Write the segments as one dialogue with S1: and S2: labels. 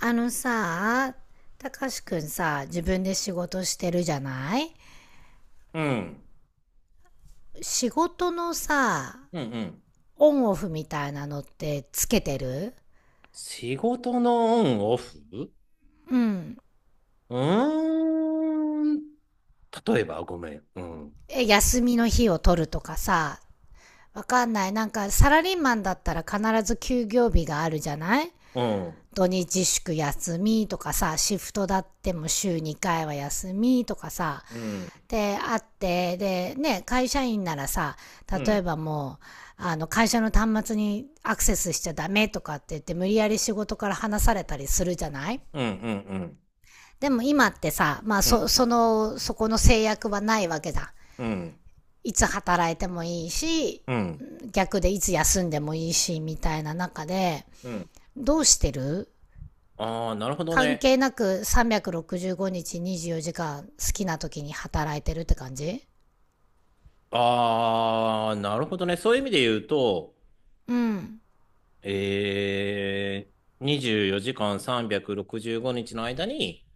S1: あのさ、たかしくんさ、自分で仕事してるじゃない。
S2: うん。
S1: 仕事のさ、
S2: うんうん。
S1: オンオフみたいなのってつけてる？
S2: 仕事のオンオフう
S1: うん。
S2: ーん。例えば、ごめん。うん。
S1: え、休みの日を取るとかさ、わかんない。なんかサラリーマンだったら必ず休業日があるじゃない。
S2: うん。
S1: 土日祝休みとかさ、シフトだっても週2回は休みとかさ、
S2: うん。
S1: で、あって、で、ね、会社員ならさ、
S2: う
S1: 例
S2: ん。
S1: えばもう、あの、会社の端末にアクセスしちゃダメとかって言って、無理やり仕事から離されたりするじゃない。
S2: うん。うん。
S1: でも今ってさ、まあ、
S2: うん。
S1: そのそこの制約はないわけだ。
S2: うん。
S1: いつ働いてもいいし、
S2: うん。
S1: 逆でいつ休んでもいいし、みたいな中で、
S2: うん。
S1: どうしてる？
S2: ああ、なるほど
S1: 関
S2: ね。
S1: 係なく365日24時間好きな時に働いてるって感じ。
S2: ああ、なるほどね。そういう意味で言うと、
S1: うん。
S2: え24時間365日の間に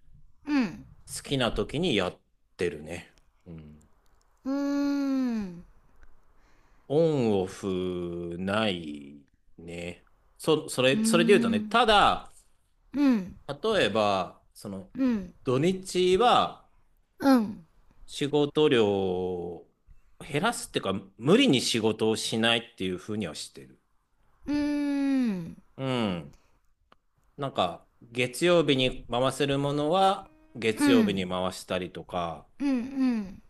S1: うん。
S2: 好きな時にやってるね。うん。
S1: うーん。
S2: オンオフないね。そ、そ
S1: うー
S2: れ、それで言うとね、
S1: ん、
S2: ただ、
S1: うん、
S2: 例えば、
S1: うん、
S2: 土日は
S1: うん、
S2: 仕事量を減らすっていうか、無理に仕事をしないっていうふうにはしてる。
S1: うーん、
S2: うん。なんか、月曜日に回せるものは、
S1: う
S2: 月曜日
S1: ん、
S2: に回したりとか、
S1: うん、うん、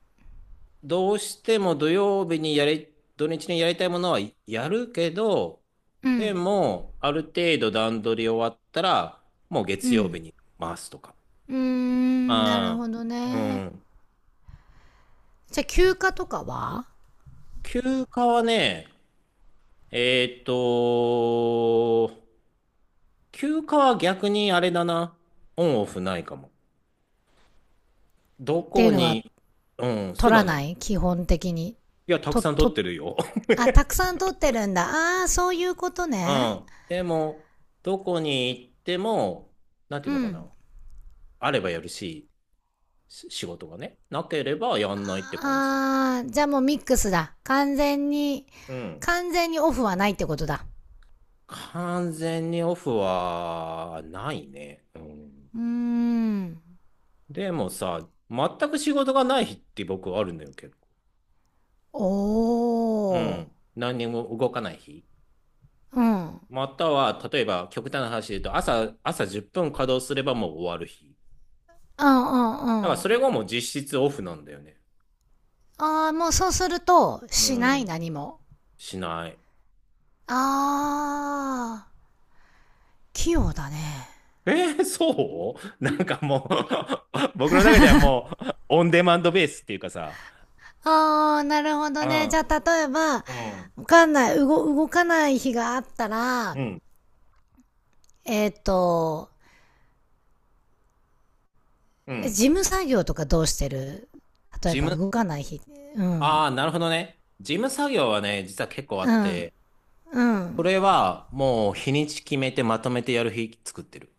S2: どうしても土日にやりたいものはやるけど、
S1: う
S2: で
S1: ん、
S2: も、ある程度段取り終わったら、もう
S1: う
S2: 月曜日
S1: ん、
S2: に回すとか。
S1: うーん、なるほ
S2: あ
S1: ど
S2: あ、う
S1: ね。
S2: ん。
S1: じゃあ休暇とかは？
S2: 休暇はね、えーっと、休暇は逆にあれだな。オンオフないかも。ど
S1: ってい
S2: こ
S1: うのは？
S2: に、うん、そう
S1: 取ら
S2: だ
S1: な
S2: ね。
S1: い基本的に？
S2: いや、たく
S1: と、
S2: さん取っ
S1: と、
S2: てるよ。
S1: あ、たくさん取ってるんだ。ああ、そういうこと
S2: う
S1: ね。
S2: ん。でも、どこに行っても、なんてい
S1: う
S2: うのか
S1: ん。
S2: な。あればやるし、仕事がね、なければやんないって感じ。
S1: ああ、じゃあもうミックスだ。完全に、
S2: うん。
S1: 完全にオフはないってことだ。
S2: 完全にオフはないね。うん。
S1: うーん。
S2: でもさ、全く仕事がない日って僕あるんだよ、結構。う
S1: お
S2: ん。
S1: ー。
S2: 何にも動かない日。
S1: うん。
S2: または、例えば極端な話で言うと、朝10分稼働すればもう終わる日。
S1: うんう
S2: だから
S1: んう
S2: それ
S1: ん。
S2: がもう実質オフなんだよね。
S1: ああ、もうそうすると、
S2: う
S1: しない
S2: ん。
S1: 何も。
S2: しない。
S1: ああ、器用だね。
S2: えそう なんかもう 僕の中ではもう、オンデマンドベースっていうかさ、
S1: ああ、なるほ
S2: う
S1: どね。じ
S2: ん、
S1: ゃあ、例えば、
S2: うん、
S1: わかんない、動かない日があった
S2: う
S1: ら、
S2: ん、
S1: えっ、ーと、
S2: う
S1: 事
S2: ん。
S1: 務作業とかどうしてる？例え
S2: 事
S1: ば
S2: 務、
S1: 動かない日。う
S2: あ
S1: ん。
S2: あ、なるほどね。事務作業はね、実は結構あ
S1: う
S2: っ
S1: ん。
S2: て、
S1: う
S2: そ
S1: ん。
S2: れはもう日にち決めてまとめてやる日作ってる。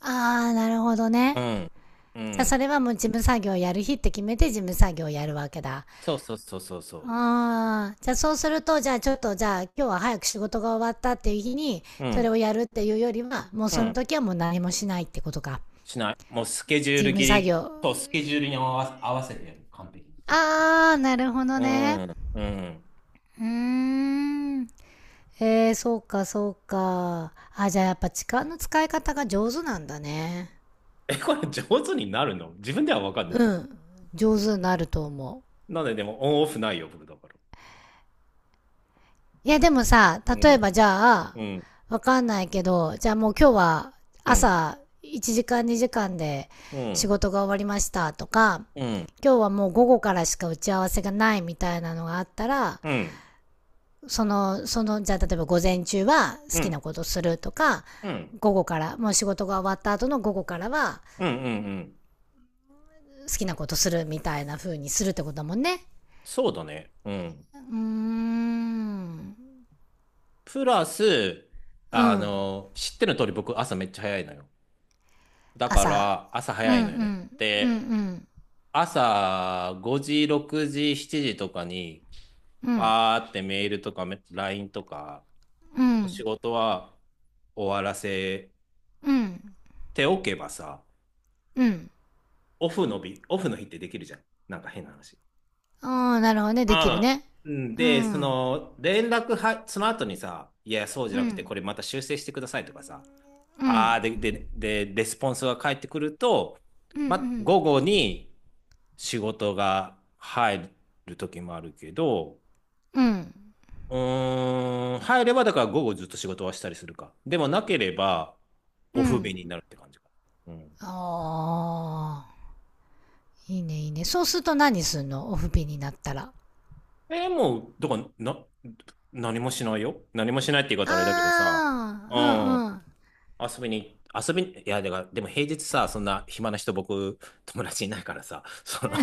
S1: ああ、なるほどね。
S2: うん、う
S1: じゃあ、そ
S2: ん、
S1: れはもう事務作業やる日って決めて事務作業やるわけだ。
S2: そうそうそうそうそ
S1: ああ、じゃあそうすると、じゃあちょっと、じゃあ今日は早く仕事が終わったっていう日に、
S2: う。う
S1: それ
S2: ん、
S1: をやるっていうよりは、もう
S2: う
S1: その
S2: ん。
S1: 時はもう何もしないってことか。
S2: しない。もうスケジュー
S1: 事
S2: ル
S1: 務
S2: 切
S1: 作
S2: り
S1: 業。
S2: とスケジュールに合わせてやる。完璧に。
S1: ああ、なるほど
S2: う
S1: ね。
S2: ん、うん、
S1: うーん。えー、そうか、そうか。あ、じゃあやっぱ時間の使い方が上手なんだね。
S2: え、これ上手になるの自分では分かんな
S1: う
S2: い。
S1: ん。上手になると思う。
S2: なんででもオンオフないよ、僕だから。
S1: いやでもさ、
S2: う
S1: 例え
S2: ん、
S1: ばじゃあ、
S2: うん、
S1: わかんないけど、じゃあもう今日は
S2: うん、
S1: 朝1時間2時間で
S2: う
S1: 仕
S2: ん、
S1: 事が終わりましたとか、
S2: うん、
S1: 今日はもう午後からしか打ち合わせがないみたいなのがあったら、
S2: うん、うん、
S1: そのじゃあ例えば午前中は好
S2: う
S1: き
S2: ん、
S1: なことするとか、
S2: うん、
S1: 午後から、もう仕事が終わった後の午後からは
S2: うんうんうん。
S1: 好きなことするみたいな風にするってことだもんね。
S2: そうだね。うん。
S1: うーん。
S2: プラス、
S1: うん。
S2: 知ってる通り僕朝めっちゃ早いのよ。だか
S1: 朝。
S2: ら朝
S1: うん
S2: 早
S1: う
S2: いのよね。
S1: ん。うんう
S2: で、
S1: ん。
S2: 朝5時、6時、7時とかに、
S1: うん。
S2: バーってメールとかLINE とか
S1: う
S2: の仕
S1: ん。
S2: 事は終わらせ
S1: うん。
S2: ておけばさ、
S1: うん。
S2: オフの日、オフの日ってできるじゃん。なんか変な話。
S1: ああ、なるほどね。できる
S2: ああ。
S1: ね。
S2: うん。
S1: う
S2: で、そ
S1: ん。
S2: の、連絡は、その後にさ、いや、そうじ
S1: う
S2: ゃなくて、これま
S1: ん。
S2: た修正してくださいとかさ、
S1: う
S2: あ
S1: ん。
S2: あ、で、レスポンスが返ってくると、
S1: うん。う
S2: ま、
S1: ん。
S2: 午後に仕事が入る時もあるけど、
S1: うん。
S2: 入ればだから午後ずっと仕事はしたりするか。でもなければ、
S1: う
S2: オフ便
S1: ん。
S2: になるって感じか。うん。
S1: ああ。いいね、いいね。そうすると何すんの、オフピンになったら。
S2: もう、だから、何もしないよ。何もしないって言い方
S1: あ
S2: あれだけどさ。うん。
S1: あ。
S2: 遊びに、遊びに、いや、だから、でも平日さ、そんな暇な人、僕、友達いないからさ、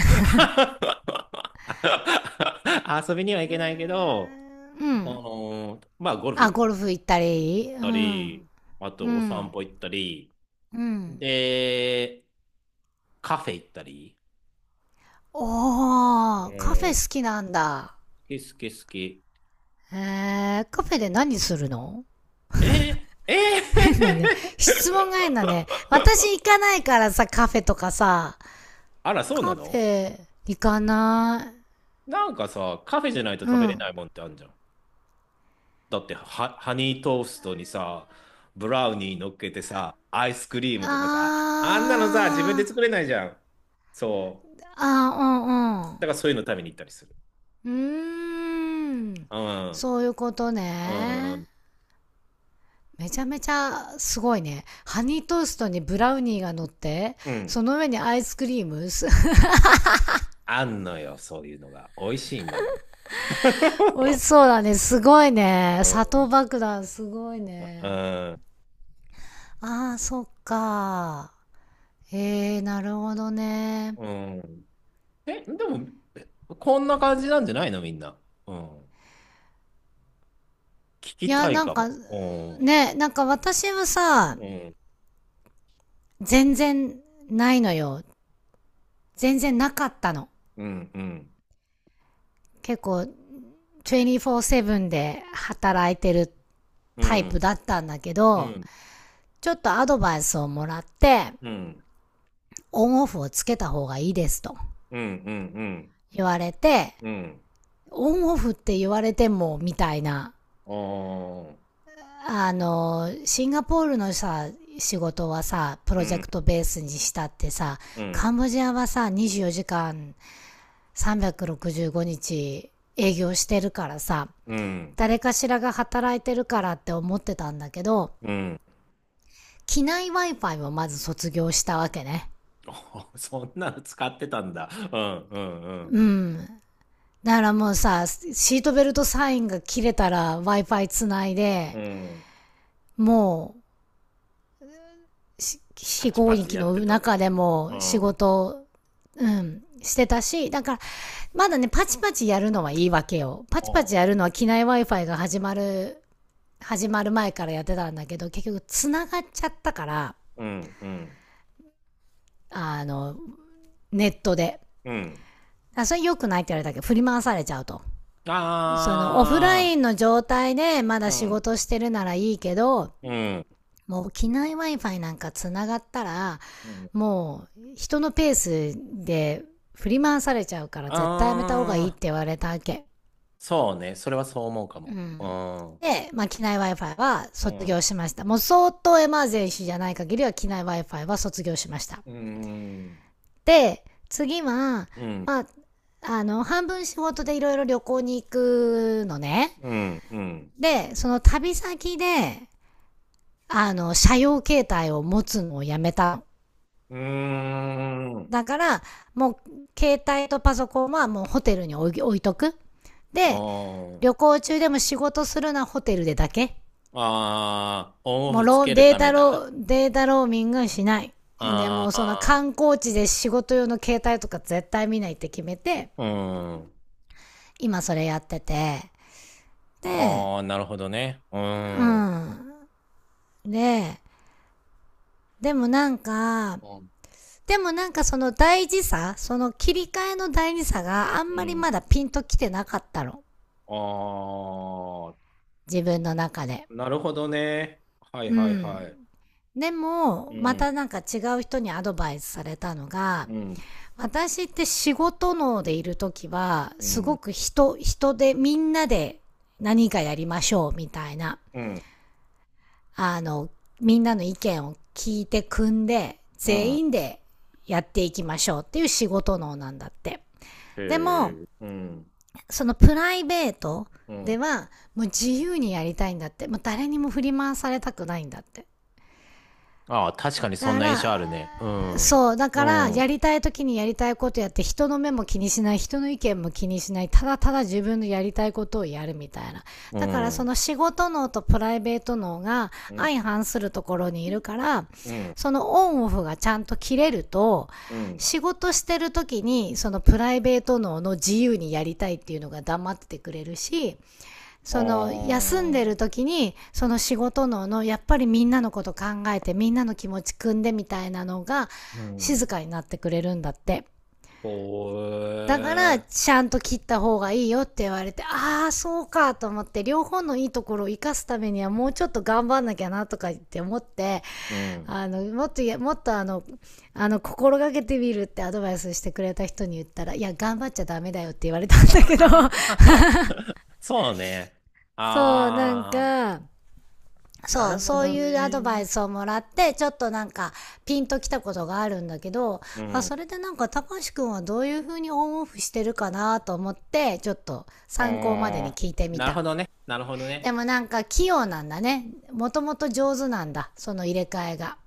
S2: 遊びには行けないけど、
S1: うんうん。うん。
S2: まあ、ゴルフ
S1: あ、
S2: 行っ
S1: ゴルフ行ったり。う
S2: た
S1: ん。
S2: り、あ
S1: う
S2: と、お散
S1: ん。
S2: 歩行ったり、
S1: うん。
S2: で、カフェ行ったり、う
S1: おー、カフェ
S2: ん、好
S1: 好きなんだ。
S2: き好き好き。
S1: えー、カフェで何するの？
S2: えー、え
S1: 変だ
S2: ー
S1: ね。質問が変だね。私行か ないからさ、カフェとかさ。
S2: あら、そうな
S1: カフ
S2: の？
S1: ェ、行かな
S2: なんかさ、カフェじゃないと
S1: い。う
S2: 食べれな
S1: ん。
S2: いもんってあるじゃん。だってハニートーストにさ、ブラウニー乗っけてさ、アイスクリームとかさ、あんなのさ、自分で
S1: あ
S2: 作
S1: ー。
S2: れないじゃん。そ
S1: あ
S2: う。だからそういうの食べに行ったりする。
S1: ー、うんうん。うーん。
S2: うん。
S1: そういうこと
S2: う
S1: ね。
S2: ん。
S1: めちゃめちゃすごいね。ハニートーストにブラウニーが乗って、
S2: う
S1: そ
S2: ん。
S1: の上にアイスクリーム。
S2: あんのよ、そういうのが。美味しいのよ。
S1: 美味 しそうだね。すごいね。
S2: う
S1: 砂
S2: ん。
S1: 糖爆弾すごい
S2: う
S1: ね。
S2: ん。
S1: ああ、そっか。へえ、なるほどね。
S2: うん。え、でも、え、こんな感じなんじゃないの、みんな。うん。聞
S1: い
S2: き
S1: や、
S2: たい
S1: なん
S2: か
S1: か、
S2: も。う
S1: ね、なんか私はさ、
S2: ん。うん。
S1: 全然ないのよ。全然なかったの。
S2: うん。
S1: 結構、24-7で働いてる
S2: う
S1: タイ
S2: ん。
S1: プだったんだけ
S2: う
S1: ど、
S2: ん。
S1: ちょっとアドバイスをもらって、
S2: うん。うん。
S1: オンオフをつけた方がいいですと
S2: うん。うん。うん。
S1: 言われて、
S2: うん。
S1: オンオフって言われてもみたいな。
S2: ああ、
S1: あの、シンガポールのさ、仕事はさ、プ
S2: う
S1: ロジェ
S2: ん、
S1: クトベースにしたってさ、
S2: う
S1: カ
S2: ん、
S1: ンボジアはさ、24時間365日営業してるからさ、
S2: うん、
S1: 誰かしらが働いてるからって思ってたんだけど、
S2: うん。
S1: 機内 Wi-Fi をまず卒業したわけね。
S2: そんなの使ってたんだ。うん、うん、
S1: うん。だからもうさ、シートベルトサインが切れたら Wi-Fi つない
S2: う
S1: で、
S2: ん。うん。
S1: も飛
S2: パ
S1: 非
S2: チ
S1: 合
S2: パチ
S1: 域
S2: やっ
S1: の
S2: てた
S1: 中
S2: ね。
S1: でも
S2: うん。
S1: 仕
S2: あ
S1: 事、うん、してたし、だから、まだね、パチパチやるのはいいわけよ。パチパチ
S2: ー、
S1: やるのは機内 Wi-Fi が始まる前からやってたんだけど、結局繋がっちゃったから、
S2: うん、うん、
S1: あの、ネットで。
S2: うん。
S1: あ、それ良くないって言われたけど、振り回されちゃうと。その、オフラ
S2: あ
S1: インの状態でまだ
S2: あ、
S1: 仕
S2: うん、
S1: 事してるならいいけど、
S2: うん、
S1: もう機内 Wi-Fi なんかつながったら、
S2: うん。
S1: もう人のペースで振り回されちゃうから絶対やめた方がいいっ
S2: あ
S1: て
S2: あ、
S1: 言われたわけ。
S2: そうね。それはそう思うか
S1: う
S2: も。う
S1: ん。
S2: ん、
S1: で、まあ、機内 Wi-Fi は
S2: う
S1: 卒
S2: ん、
S1: 業しました。もう相当エマージェンシーじゃない限りは機内 Wi-Fi は卒業しました。
S2: うん、
S1: で、次は、
S2: うん、
S1: まあ、あの、半分仕事でいろいろ旅行に行くのね。
S2: うん、うん。
S1: で、その旅先で、あの、車用携帯を持つのをやめた。
S2: うーん。
S1: だから、もう、携帯とパソコンはもうホテルに置いとく。
S2: あ
S1: で、旅行中でも仕事するのはホテルでだけ。
S2: あ、ああ、オンオ
S1: もう
S2: フつ
S1: ロー、
S2: ける
S1: デー
S2: ため
S1: タ
S2: だ。
S1: ロー、データローミングしない。で、
S2: あ
S1: もうその
S2: あ、
S1: 観光地で仕事用の携帯とか絶対見ないって決めて、
S2: うん。
S1: 今それやってて。で、
S2: ああ、なるほどね。う
S1: う
S2: ん。う
S1: ん。で、でもなんか、
S2: ん。
S1: でもなんかその大事さ、その切り替えの大事さがあん
S2: う
S1: まり
S2: ん。
S1: まだピンときてなかったの。
S2: あ
S1: 自分の中で。
S2: あ、なるほどね。はい
S1: う
S2: はい
S1: ん。
S2: はい。
S1: で
S2: う
S1: も、ま
S2: ん、
S1: たなんか違う人にアドバイスされたのが、
S2: うん、
S1: 私って仕事能でいるときは、
S2: う
S1: す
S2: ん、
S1: ごく人でみんなで何かやりましょうみたいな、
S2: うん、
S1: あの、みんなの意見を聞いて組んで、
S2: う
S1: 全
S2: ん。
S1: 員でやっていきましょうっていう仕事能なんだって。でも、
S2: へえ、うん、
S1: そのプライベート
S2: うん。
S1: では、もう自由にやりたいんだって。もう誰にも振り回されたくないんだって。
S2: ああ、確かに
S1: だ
S2: そん
S1: か
S2: な印
S1: ら、
S2: 象あるね。うん、
S1: そう、だ
S2: う
S1: から、
S2: ん、うん、
S1: やりたい時にやりたいことやって、人の目も気にしない、人の意見も気にしない、ただただ自分のやりたいことをやるみたいな。
S2: う
S1: だから、そ
S2: ん、
S1: の仕事脳とプライベート脳が相反するところにいるから、
S2: うん、
S1: そのオンオフがちゃんと切れると、
S2: うん。
S1: 仕事してる時に、そのプライベート脳の自由にやりたいっていうのが黙っててくれるし、その休んで
S2: あ
S1: る
S2: あ、
S1: 時にその仕事ののやっぱりみんなのこと考えてみんなの気持ち汲んでみたいなのが
S2: うん。
S1: 静かになってくれるんだって。
S2: ほ
S1: だから
S2: え、
S1: ちゃんと切った方がいいよって言われて、ああそうかと思って、両方のいいところを生かすためにはもうちょっと頑張んなきゃなとか言って思って、
S2: うん。
S1: もっともっと心がけてみるってアドバイスしてくれた人に言ったら、いや頑張っちゃダメだよって言われたんだけど。
S2: そうね。
S1: そうなん
S2: ああ、
S1: か
S2: なるほ
S1: そう
S2: ど
S1: いうアドバ
S2: ね。
S1: イスをもらって、ちょっとなんか、ピンときたことがあるんだけど、
S2: う
S1: あ、
S2: ん。
S1: それでなんか、たかしくんはどういう風にオンオフしてるかなと思って、ちょっと参考までに
S2: あ
S1: 聞いて
S2: ー、
S1: み
S2: なるほ
S1: た。
S2: どね。なるほど
S1: で
S2: ね。
S1: もなんか、器用なんだね。もともと上手なんだ。その入れ替えが。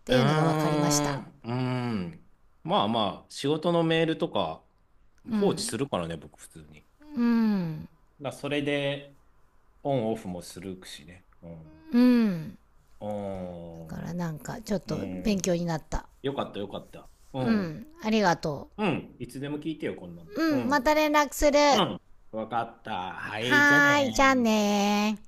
S1: っ
S2: う
S1: て
S2: ー
S1: いうのが分かりまし
S2: ん、
S1: た。
S2: うーん。まあまあ、仕事のメールとか
S1: う
S2: 放置す
S1: ん。
S2: るからね、僕普通に。
S1: うん。
S2: だからそれでオンオフもするしね。うん。
S1: うん。
S2: うん。
S1: だからなんか、ちょっ
S2: う
S1: と勉強
S2: ん。
S1: になった。
S2: よかったよかった。う
S1: う
S2: ん。
S1: ん。ありがと
S2: うん。いつでも聞いてよ、こんなの。
S1: う。
S2: う
S1: うん。ま
S2: ん。
S1: た連絡する。
S2: うん。わかった。はい、じゃあ
S1: はーい。じゃあ
S2: ねー。
S1: ねー。